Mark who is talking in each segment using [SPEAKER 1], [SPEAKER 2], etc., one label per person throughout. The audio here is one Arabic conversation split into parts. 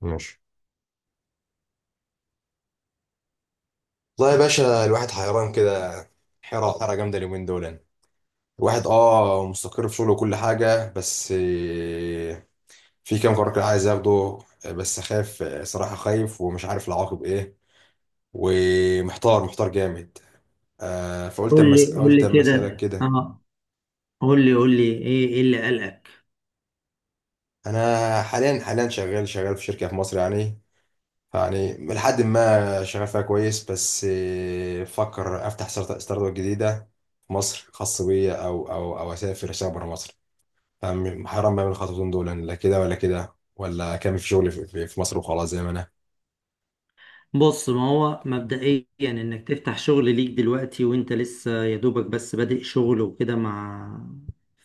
[SPEAKER 1] ماشي. والله يا باشا الواحد حيران كده، حيرة حيرة جامدة اليومين دول يعني. الواحد مستقر في شغله وكل حاجة، بس في كام قرار كده عايز اخده. بس خايف، صراحة خايف ومش عارف العواقب ايه، ومحتار محتار جامد. فقلت
[SPEAKER 2] قول
[SPEAKER 1] اما
[SPEAKER 2] لي قول
[SPEAKER 1] قلت
[SPEAKER 2] لي
[SPEAKER 1] اما اسألك
[SPEAKER 2] كده
[SPEAKER 1] كده.
[SPEAKER 2] اه قول لي ايه اللي قلقك؟
[SPEAKER 1] انا حاليا شغال في شركة في مصر، يعني لحد ما شغال فيها كويس، بس بفكر افتح ستارت اب جديدة في مصر خاص بيا، او او اسافر اشتغل بره مصر. فاهم؟ حرام بعمل الخطوتين دول يعني، لا كده ولا كده، ولا كامل في شغلي في مصر وخلاص زي ما انا.
[SPEAKER 2] بص، ما هو مبدئيا انك تفتح شغل ليك دلوقتي وانت لسه يا دوبك بس بادئ شغل وكده، مع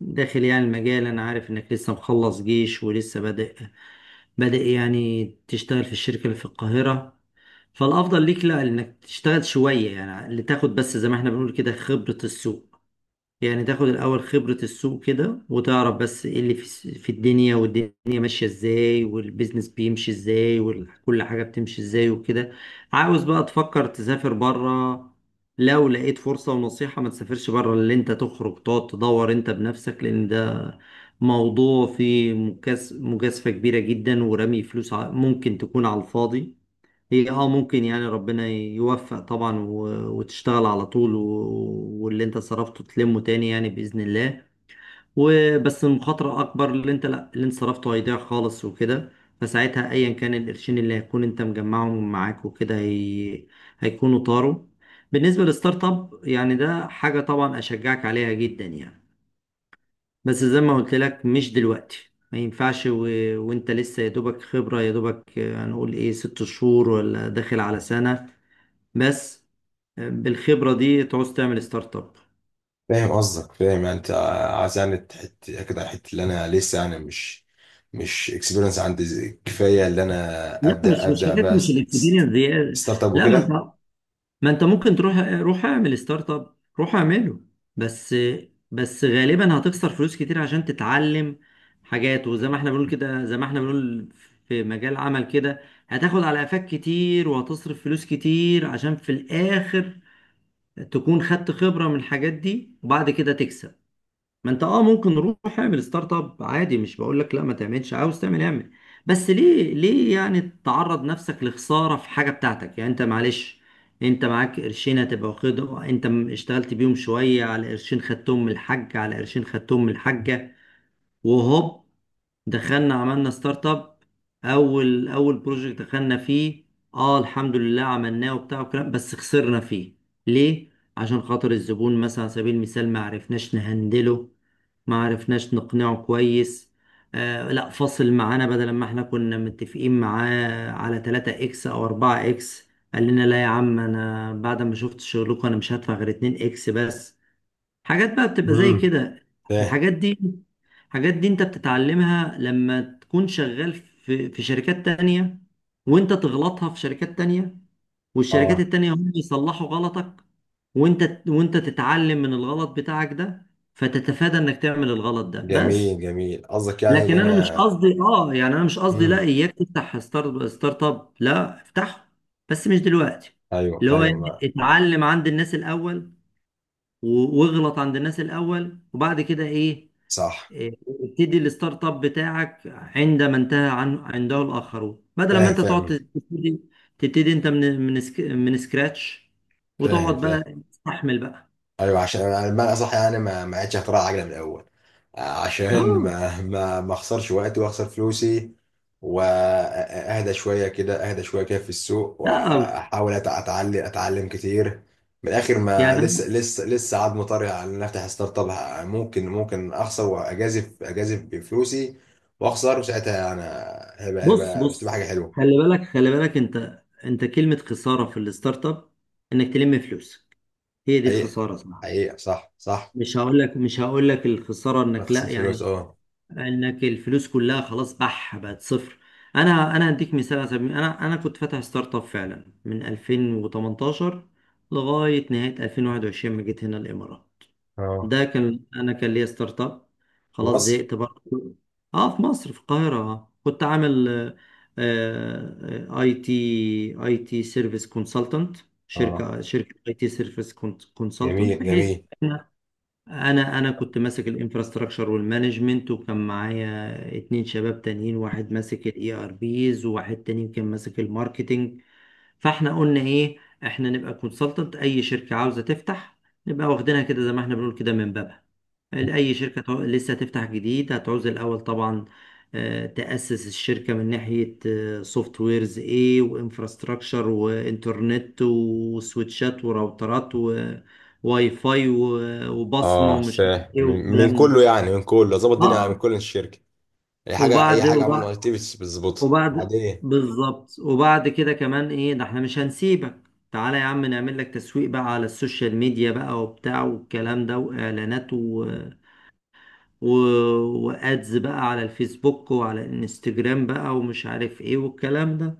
[SPEAKER 2] داخل يعني المجال. انا عارف انك لسه مخلص جيش ولسه بادئ يعني تشتغل في الشركة اللي في القاهرة. فالافضل ليك، لا، انك تشتغل شوية يعني، لتاخد بس زي ما احنا بنقول كده خبرة السوق. يعني تاخد الأول خبرة السوق كده وتعرف بس ايه اللي في الدنيا، والدنيا ماشية ازاي، والبيزنس بيمشي ازاي، وكل حاجة بتمشي ازاي وكده. عاوز بقى تفكر تسافر بره، لو لقيت فرصة، ونصيحة ما تسافرش بره اللي انت تخرج تقعد تدور انت بنفسك، لأن ده موضوع فيه مجازفة كبيرة جدا، ورمي فلوس ممكن تكون على الفاضي. هي اه ممكن يعني ربنا يوفق طبعا وتشتغل على طول واللي انت صرفته تلمه تاني يعني بإذن الله. وبس المخاطرة أكبر، اللي انت لا، اللي انت صرفته هيضيع خالص وكده. فساعتها أيا كان القرشين اللي هيكون انت مجمعهم معاك وكده هي... هيكونوا طاروا. بالنسبة للستارت اب، يعني ده حاجة طبعا أشجعك عليها جدا يعني، بس زي ما قلت لك مش دلوقتي، ما ينفعش. و... وانت لسه يا دوبك خبرة يا دوبك هنقول ايه، ست شهور ولا داخل على سنة بس. بالخبرة دي تعوز تعمل ستارت اب؟
[SPEAKER 1] فاهم قصدك، فاهم يعني انت عايز يعني تحت كده الحته اللي انا لسه يعني مش اكسبيرينس عندي كفايه، اللي انا
[SPEAKER 2] لا،
[SPEAKER 1] ابدا
[SPEAKER 2] مش
[SPEAKER 1] ابدا
[SPEAKER 2] حاجات،
[SPEAKER 1] بقى
[SPEAKER 2] مش الاكسبيرينس دي.
[SPEAKER 1] ستارت اب
[SPEAKER 2] لا، ما انت،
[SPEAKER 1] وكده.
[SPEAKER 2] ما انت ممكن تروح، روح اعمل ستارت اب، روح اعمله، بس، بس غالبا هتخسر فلوس كتير عشان تتعلم حاجات. وزي ما احنا بنقول كده، زي ما احنا بنقول، في مجال عمل كده هتاخد على قفاك كتير، وهتصرف فلوس كتير، عشان في الاخر تكون خدت خبرة من الحاجات دي وبعد كده تكسب. ما انت اه ممكن، روح اعمل ستارت اب عادي، مش بقول لك لا ما تعملش، عاوز تعمل اعمل، بس ليه، ليه يعني تعرض نفسك لخسارة في حاجة بتاعتك؟ يعني انت معلش، انت معاك قرشين هتبقى واخده انت اشتغلت بيهم شوية، على قرشين خدتهم من الحاج، على قرشين خدتهم من الحاجة، وهوب، دخلنا عملنا ستارت اب، اول اول بروجكت دخلنا فيه اه الحمد لله عملناه وبتاع وكلام، بس خسرنا فيه. ليه؟ عشان خاطر الزبون مثلا، على سبيل المثال، ما عرفناش نهندله، ما عرفناش نقنعه كويس. آه، لا، فصل معانا، بدل ما احنا كنا متفقين معاه على 3 اكس او 4 اكس، قال لنا لا يا عم، انا بعد ما شفت شغلكم انا مش هدفع غير 2 اكس بس. حاجات بقى بتبقى زي
[SPEAKER 1] امم،
[SPEAKER 2] كده،
[SPEAKER 1] فاهم.
[SPEAKER 2] الحاجات دي، الحاجات دي انت بتتعلمها لما تكون شغال في شركات تانية، وانت تغلطها في شركات تانية، والشركات
[SPEAKER 1] اه،
[SPEAKER 2] التانية هم يصلحوا غلطك، وانت تتعلم من الغلط بتاعك ده، فتتفادى انك تعمل الغلط ده بس.
[SPEAKER 1] جميل جميل قصدك يعني اللي
[SPEAKER 2] لكن انا مش
[SPEAKER 1] انا.
[SPEAKER 2] قصدي اه، يعني انا مش قصدي لا،
[SPEAKER 1] امم.
[SPEAKER 2] اياك تفتح ستارت اب، لا افتحه، بس مش دلوقتي.
[SPEAKER 1] ايوه
[SPEAKER 2] اللي هو
[SPEAKER 1] ايوه،
[SPEAKER 2] يعني
[SPEAKER 1] ما
[SPEAKER 2] اتعلم عند الناس الاول، واغلط عند الناس الاول، وبعد كده ايه؟
[SPEAKER 1] صح.
[SPEAKER 2] ابتدي الستارت اب بتاعك عندما انتهى عن عنده الاخرون، بدل ما
[SPEAKER 1] فاهم
[SPEAKER 2] انت تقعد
[SPEAKER 1] فاهم.
[SPEAKER 2] تبتدي، تبتدي انت من من سكراتش،
[SPEAKER 1] فاهم
[SPEAKER 2] وتقعد
[SPEAKER 1] فاهم.
[SPEAKER 2] بقى تستحمل بقى.
[SPEAKER 1] ايوه، عشان انا بمعنى اصح يعني ما عادش اختراع عجله من الاول، عشان
[SPEAKER 2] اه
[SPEAKER 1] ما اخسرش وقتي واخسر فلوسي، واهدى شويه كده اهدى شويه كده في السوق،
[SPEAKER 2] لا بس
[SPEAKER 1] واحاول اتعلم كتير. من الاخر، ما
[SPEAKER 2] يعني
[SPEAKER 1] لسه عاد مطري على ان افتح ستارت اب. ممكن اخسر واجازف، بفلوسي واخسر، وساعتها انا هيبقى
[SPEAKER 2] بص،
[SPEAKER 1] هيبقى بس تبقى
[SPEAKER 2] بص،
[SPEAKER 1] حاجه حلوه.
[SPEAKER 2] خلي بالك، خلي بالك، انت، انت كلمة خسارة في الستارت اب انك تلم فلوسك، هي دي
[SPEAKER 1] حقيقه،
[SPEAKER 2] الخسارة، صح؟
[SPEAKER 1] حقيقه صح، صح.
[SPEAKER 2] مش هقول لك الخسارة انك
[SPEAKER 1] اخسر
[SPEAKER 2] لا
[SPEAKER 1] فلوس،
[SPEAKER 2] يعني
[SPEAKER 1] اه.
[SPEAKER 2] انك الفلوس كلها خلاص بح بقت صفر. انا هديك مثال على سبيل، انا كنت فاتح ستارت اب فعلا من 2018 لغايه نهايه 2021، ما جيت هنا الامارات.
[SPEAKER 1] اه.
[SPEAKER 2] ده كان، انا كان ليا ستارت اب، خلاص
[SPEAKER 1] مصر.
[SPEAKER 2] زهقت برضه. اه في مصر، في القاهره. آه، كنت عامل اي تي، اي تي سيرفيس كونسلتنت،
[SPEAKER 1] اه.
[SPEAKER 2] شركه اي تي سيرفيس كونسلتنت.
[SPEAKER 1] جميل
[SPEAKER 2] بحيث
[SPEAKER 1] جميل.
[SPEAKER 2] انا كنت ماسك الانفراستراكشر والمانجمنت، وكان معايا اتنين شباب تانيين، واحد ماسك الاي ار بيز، وواحد تاني كان ماسك الماركتنج. فاحنا قلنا ايه، احنا نبقى كونسلتنت اي شركه عاوزه تفتح، نبقى واخدينها كده زي ما احنا بنقول كده من بابها. اي شركه لسه هتفتح جديد هتعوز الاول طبعا تاسس الشركه من ناحيه سوفت ويرز ايه، وانفراستراكشر، وانترنت، وسويتشات، وراوترات، وواي فاي، وبصمه،
[SPEAKER 1] اه،
[SPEAKER 2] ومش عارف
[SPEAKER 1] فاهم.
[SPEAKER 2] ايه
[SPEAKER 1] من
[SPEAKER 2] والكلام ده.
[SPEAKER 1] كله يعني، من كله ظبط الدنيا، من
[SPEAKER 2] اه
[SPEAKER 1] كل الشركه. اي حاجه اي
[SPEAKER 2] وبعد
[SPEAKER 1] حاجه عملوا اكتيفيتيز بتظبطها
[SPEAKER 2] وبعد
[SPEAKER 1] وبعدين.
[SPEAKER 2] بالظبط، وبعد كده كمان ايه، ده احنا مش هنسيبك، تعالى يا عم نعمل لك تسويق بقى على السوشيال ميديا بقى وبتاع والكلام ده، واعلانات و... و... وادز بقى على الفيسبوك وعلى الانستجرام بقى، ومش عارف ايه والكلام ده.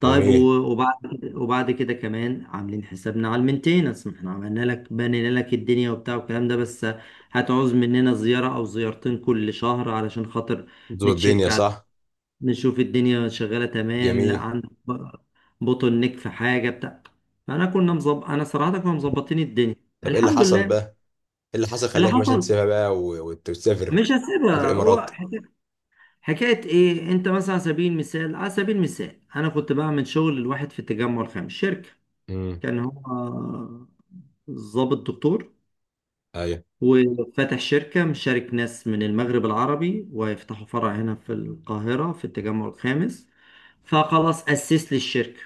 [SPEAKER 2] طيب
[SPEAKER 1] جميل.
[SPEAKER 2] وبعد كده كمان عاملين حسابنا على المينتيننس، ما احنا عملنا لك، بنينا لك الدنيا وبتاع والكلام ده، بس هتعوز مننا زيارة او زيارتين كل شهر، علشان خاطر
[SPEAKER 1] ظبط الدنيا
[SPEAKER 2] نتشيك،
[SPEAKER 1] صح.
[SPEAKER 2] نشوف الدنيا شغالة تمام، لا
[SPEAKER 1] جميل.
[SPEAKER 2] عندك بوتل نيك في حاجة بتاع. فأنا كنا مظبط، أنا صراحة كنا مظبطين الدنيا
[SPEAKER 1] طب ايه اللي
[SPEAKER 2] الحمد
[SPEAKER 1] حصل
[SPEAKER 2] لله.
[SPEAKER 1] بقى، ايه اللي حصل
[SPEAKER 2] اللي
[SPEAKER 1] خلاك مثلا
[SPEAKER 2] حصل
[SPEAKER 1] تسيبها بقى وتسافر؟
[SPEAKER 2] مش
[SPEAKER 1] تسافر
[SPEAKER 2] هسيبها،
[SPEAKER 1] الامارات.
[SPEAKER 2] حكاية إيه، أنت مثلا على سبيل المثال، على سبيل المثال، أنا كنت بعمل شغل لواحد في التجمع الخامس، شركة،
[SPEAKER 1] امم.
[SPEAKER 2] كان هو ضابط دكتور،
[SPEAKER 1] ايوه.
[SPEAKER 2] وفتح شركة مشارك ناس من المغرب العربي، ويفتحوا فرع هنا في القاهرة في التجمع الخامس. فخلاص، أسس لي الشركة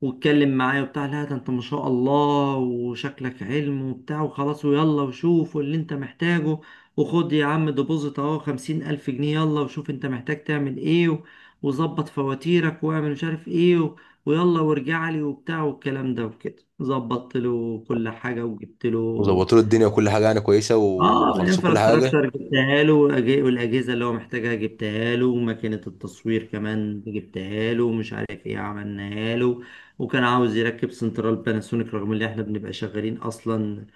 [SPEAKER 2] واتكلم معايا وبتاع، لا ده انت ما شاء الله وشكلك علم وبتاع، وخلاص ويلا وشوف واللي انت محتاجه، وخد يا عم ديبوزيت اهو خمسين ألف جنيه، يلا وشوف انت محتاج تعمل ايه، وظبط فواتيرك واعمل مش عارف ايه و... ويلا وارجع لي وبتاع والكلام ده وكده. ظبطت له كل حاجة وجبت له،
[SPEAKER 1] وظبطوا له الدنيا وكل حاجه يعني كويسه
[SPEAKER 2] اه
[SPEAKER 1] وخلصوا كل حاجه.
[SPEAKER 2] الانفراستراكشر جبتها له، والاجهزه اللي هو محتاجها جبتها له، وماكينه التصوير كمان جبتها له، ومش عارف ايه عملناها له. وكان عاوز يركب سنترال باناسونيك، رغم ان احنا بنبقى شغالين اصلا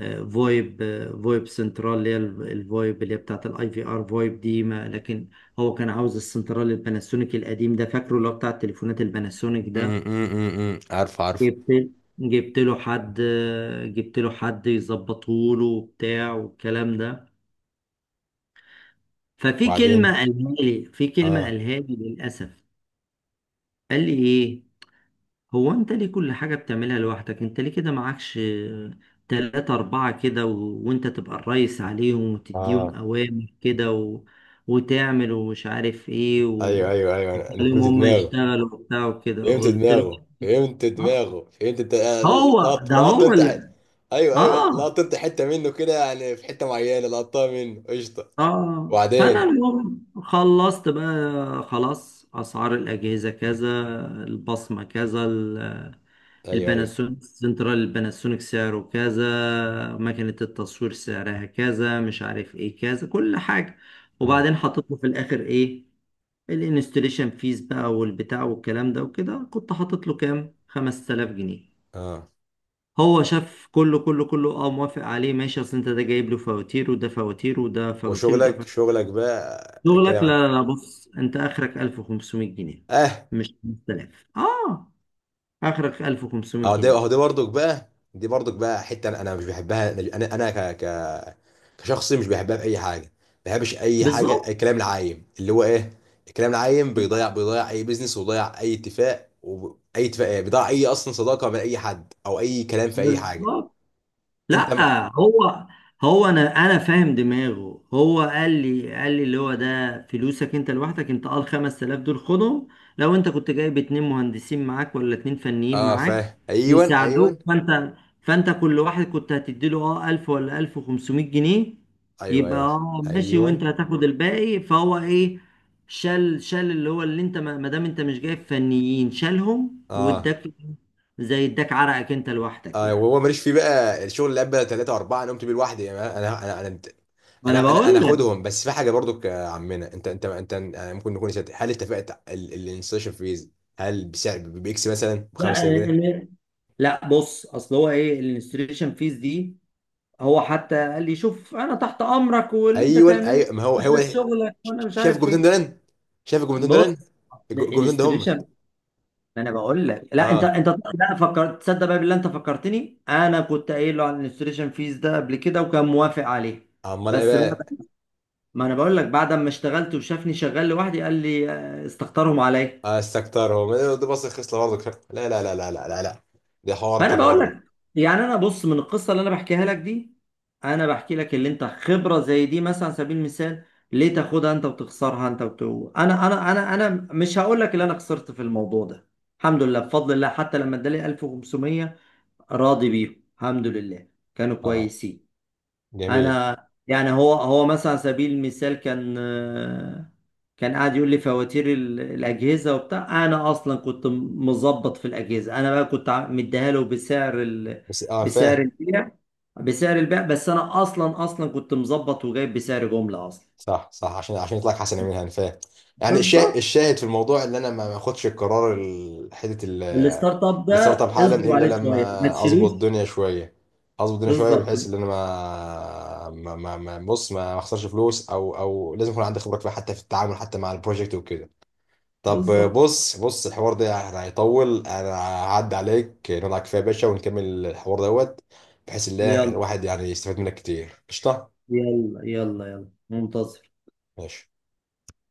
[SPEAKER 2] فويب، فويب سنترال، اللي هي الفويب اللي هي بتاعت الاي في ار فويب دي، ما لكن هو كان عاوز السنترال الباناسونيك القديم ده، فاكره، اللي هو بتاع التليفونات الباناسونيك
[SPEAKER 1] امم،
[SPEAKER 2] ده.
[SPEAKER 1] امم، امم، أمم. عارف عارف.
[SPEAKER 2] جبت جبت له حد جبت له حد يظبطه له وبتاع والكلام ده. ففي كلمة
[SPEAKER 1] وبعدين.
[SPEAKER 2] قالها لي، في كلمة
[SPEAKER 1] اه.
[SPEAKER 2] قالها لي للأسف. قال لي إيه، هو أنت ليه كل حاجة بتعملها لوحدك، أنت ليه كده معكش تلاتة أربعة كده و... وأنت تبقى الريس عليهم وتديهم
[SPEAKER 1] اه.
[SPEAKER 2] أوامر كده و... وتعمل ومش عارف إيه
[SPEAKER 1] ايوه
[SPEAKER 2] و...
[SPEAKER 1] ايوه ايوه، انا
[SPEAKER 2] وتخليهم
[SPEAKER 1] فهمت
[SPEAKER 2] هما
[SPEAKER 1] دماغك.
[SPEAKER 2] يشتغلوا وبتاع وكده.
[SPEAKER 1] فهمت
[SPEAKER 2] قلت له
[SPEAKER 1] دماغه، فهمت
[SPEAKER 2] آه،
[SPEAKER 1] دماغه، فهمت انت.
[SPEAKER 2] هو
[SPEAKER 1] لقط
[SPEAKER 2] ده،
[SPEAKER 1] لقط
[SPEAKER 2] هو
[SPEAKER 1] انت
[SPEAKER 2] اللي
[SPEAKER 1] ايوه ايوه، لقط
[SPEAKER 2] آه
[SPEAKER 1] انت حته منه كده يعني، في حته معينه لقطتها منه قشطه.
[SPEAKER 2] اه فانا
[SPEAKER 1] وبعدين.
[SPEAKER 2] اليوم خلصت بقى خلاص، اسعار الاجهزه كذا، البصمه كذا،
[SPEAKER 1] ايوه ايوه.
[SPEAKER 2] الباناسونيك، سنترال الباناسونيك سعره كذا، مكنه التصوير سعرها كذا، مش عارف ايه كذا، كل حاجه.
[SPEAKER 1] امم.
[SPEAKER 2] وبعدين حطيت له في الاخر ايه، الانستليشن فيز بقى والبتاع والكلام ده وكده، كنت حاطط له كام 5000 جنيه.
[SPEAKER 1] اه.
[SPEAKER 2] هو شاف كله كله كله اه، موافق عليه ماشي، اصل انت ده جايب له فواتير، وده فواتير، وده فواتير، وده
[SPEAKER 1] وشغلك،
[SPEAKER 2] فواتير،
[SPEAKER 1] شغلك بقى. كده
[SPEAKER 2] شغلك. لا لا لا، بص انت اخرك 1500 جنيه،
[SPEAKER 1] اه.
[SPEAKER 2] مش 5000 اه، اخرك 1500
[SPEAKER 1] اهو ده، اهو
[SPEAKER 2] جنيه
[SPEAKER 1] ده برضك بقى، دي برضك بقى حته انا مش بحبها، انا كشخص مش بحبها في اي حاجه. ما بحبش اي حاجه
[SPEAKER 2] بالظبط،
[SPEAKER 1] الكلام العايم اللي هو ايه. الكلام العايم بيضيع اي بيزنس، وبيضيع اي اتفاق، واي اتفاق ايه، بيضيع اي اصلا صداقه من اي حد، او اي كلام في اي حاجه.
[SPEAKER 2] بالظبط.
[SPEAKER 1] انت ما.
[SPEAKER 2] لا هو، هو انا فاهم دماغه، هو قال لي اللي هو ده فلوسك انت لوحدك، انت اه ال 5000 دول خدهم، لو انت كنت جايب اتنين مهندسين معاك ولا اتنين فنيين
[SPEAKER 1] اه،
[SPEAKER 2] معاك
[SPEAKER 1] فاهم. ايوه
[SPEAKER 2] يساعدوك،
[SPEAKER 1] ايوه
[SPEAKER 2] فانت كل واحد كنت هتديله اه 1000 ولا 1500 جنيه،
[SPEAKER 1] ايوه.
[SPEAKER 2] يبقى
[SPEAKER 1] ايوه
[SPEAKER 2] اه ماشي،
[SPEAKER 1] ايوه.
[SPEAKER 2] وانت هتاخد الباقي. فهو ايه، شال اللي هو اللي انت، ما ما دام انت مش جايب فنيين، شالهم
[SPEAKER 1] اه.
[SPEAKER 2] واداك، زي اداك عرقك انت لوحدك
[SPEAKER 1] آه،
[SPEAKER 2] يعني.
[SPEAKER 1] وهو ماليش فيه بقى. الشغل اللي قبل ثلاثة أربعة أنا قمت بيه لوحدي يعني. أنا أنا أنا
[SPEAKER 2] ما
[SPEAKER 1] أنا
[SPEAKER 2] انا
[SPEAKER 1] أنا أنا
[SPEAKER 2] بقول،
[SPEAKER 1] أخدهم. بس في حاجة برضو يا عمنا، أنت ممكن نكون نسيت، هل اتفقت الانستشن فيز، هل بسعر بإكس مثلا ب
[SPEAKER 2] لا
[SPEAKER 1] 5000 جنيه؟
[SPEAKER 2] يعني، لا بص، اصل هو ايه الانستريشن فيز دي، هو حتى قال لي شوف انا تحت امرك واللي انت
[SPEAKER 1] أيوه
[SPEAKER 2] تعمله،
[SPEAKER 1] أيوه، ما هو
[SPEAKER 2] أنا
[SPEAKER 1] هو
[SPEAKER 2] شايف
[SPEAKER 1] ده.
[SPEAKER 2] شغلك وانا مش
[SPEAKER 1] شايف
[SPEAKER 2] عارف
[SPEAKER 1] الجملتين
[SPEAKER 2] ايه.
[SPEAKER 1] دول، شايف الجملتين دول،
[SPEAKER 2] بص
[SPEAKER 1] الجملتين ده هم.
[SPEAKER 2] الانستريشن، ما انا بقول لك، لا، انت
[SPEAKER 1] أه.
[SPEAKER 2] انت لا فكرت تصدق بقى بالله، انت فكرتني انا كنت قايل له على الانستريشن فيز ده قبل كده وكان موافق عليه،
[SPEAKER 1] أمال إيه
[SPEAKER 2] بس بقى،
[SPEAKER 1] بقى؟
[SPEAKER 2] ما انا بقول لك، بعد ما اشتغلت وشافني شغال لوحدي قال لي استخسرهم عليا.
[SPEAKER 1] استكترهم دي. بص، الخصلة برضو، لا لا لا لا لا لا لا، ده حوار
[SPEAKER 2] ما انا
[SPEAKER 1] تاني
[SPEAKER 2] بقول
[SPEAKER 1] برضو.
[SPEAKER 2] لك يعني، انا بص، من القصه اللي انا بحكيها لك دي، انا بحكي لك اللي انت خبره زي دي، مثلا على سبيل المثال، ليه تاخدها انت وتخسرها انت انا مش هقول لك اللي انا خسرت في الموضوع ده. الحمد لله بفضل الله، حتى لما ادالي 1500 راضي بيهم الحمد لله، كانوا
[SPEAKER 1] أه.
[SPEAKER 2] كويسين.
[SPEAKER 1] جميل.
[SPEAKER 2] انا يعني، هو مثلا على سبيل المثال كان، كان قاعد يقول لي فواتير الاجهزه وبتاع، انا اصلا كنت مظبط في الاجهزه، انا بقى كنت مديها له بسعر ال...
[SPEAKER 1] بس أه،
[SPEAKER 2] بسعر
[SPEAKER 1] فاهم.
[SPEAKER 2] البيع، بسعر البيع، بس انا اصلا كنت مظبط وجايب بسعر جمله اصلا.
[SPEAKER 1] صح صح، عشان يطلع لك حسن من هان، فاهم يعني. الشاهد،
[SPEAKER 2] بالظبط،
[SPEAKER 1] في الموضوع، اللي انا ما اخدش القرار حته
[SPEAKER 2] الستارت اب ده،
[SPEAKER 1] الستارت اب حالا،
[SPEAKER 2] اصبر
[SPEAKER 1] الا
[SPEAKER 2] عليه شويه، ما
[SPEAKER 1] لما اظبط
[SPEAKER 2] تشيلوش.
[SPEAKER 1] الدنيا شويه، اظبط الدنيا شويه،
[SPEAKER 2] بالظبط،
[SPEAKER 1] بحيث ان انا بص ما اخسرش فلوس، او لازم يكون عندي خبره كفايه حتى في التعامل حتى مع البروجكت وكده. طب،
[SPEAKER 2] بالظبط.
[SPEAKER 1] بص بص. الحوار ده يعني هيطول. انا هعدي عليك نقعد على كفايه يا باشا ونكمل الحوار دوت، بحيث ان
[SPEAKER 2] يلا
[SPEAKER 1] الواحد يعني يستفاد منك كتير، قشطه.
[SPEAKER 2] يلا منتظر.
[SPEAKER 1] ماشي.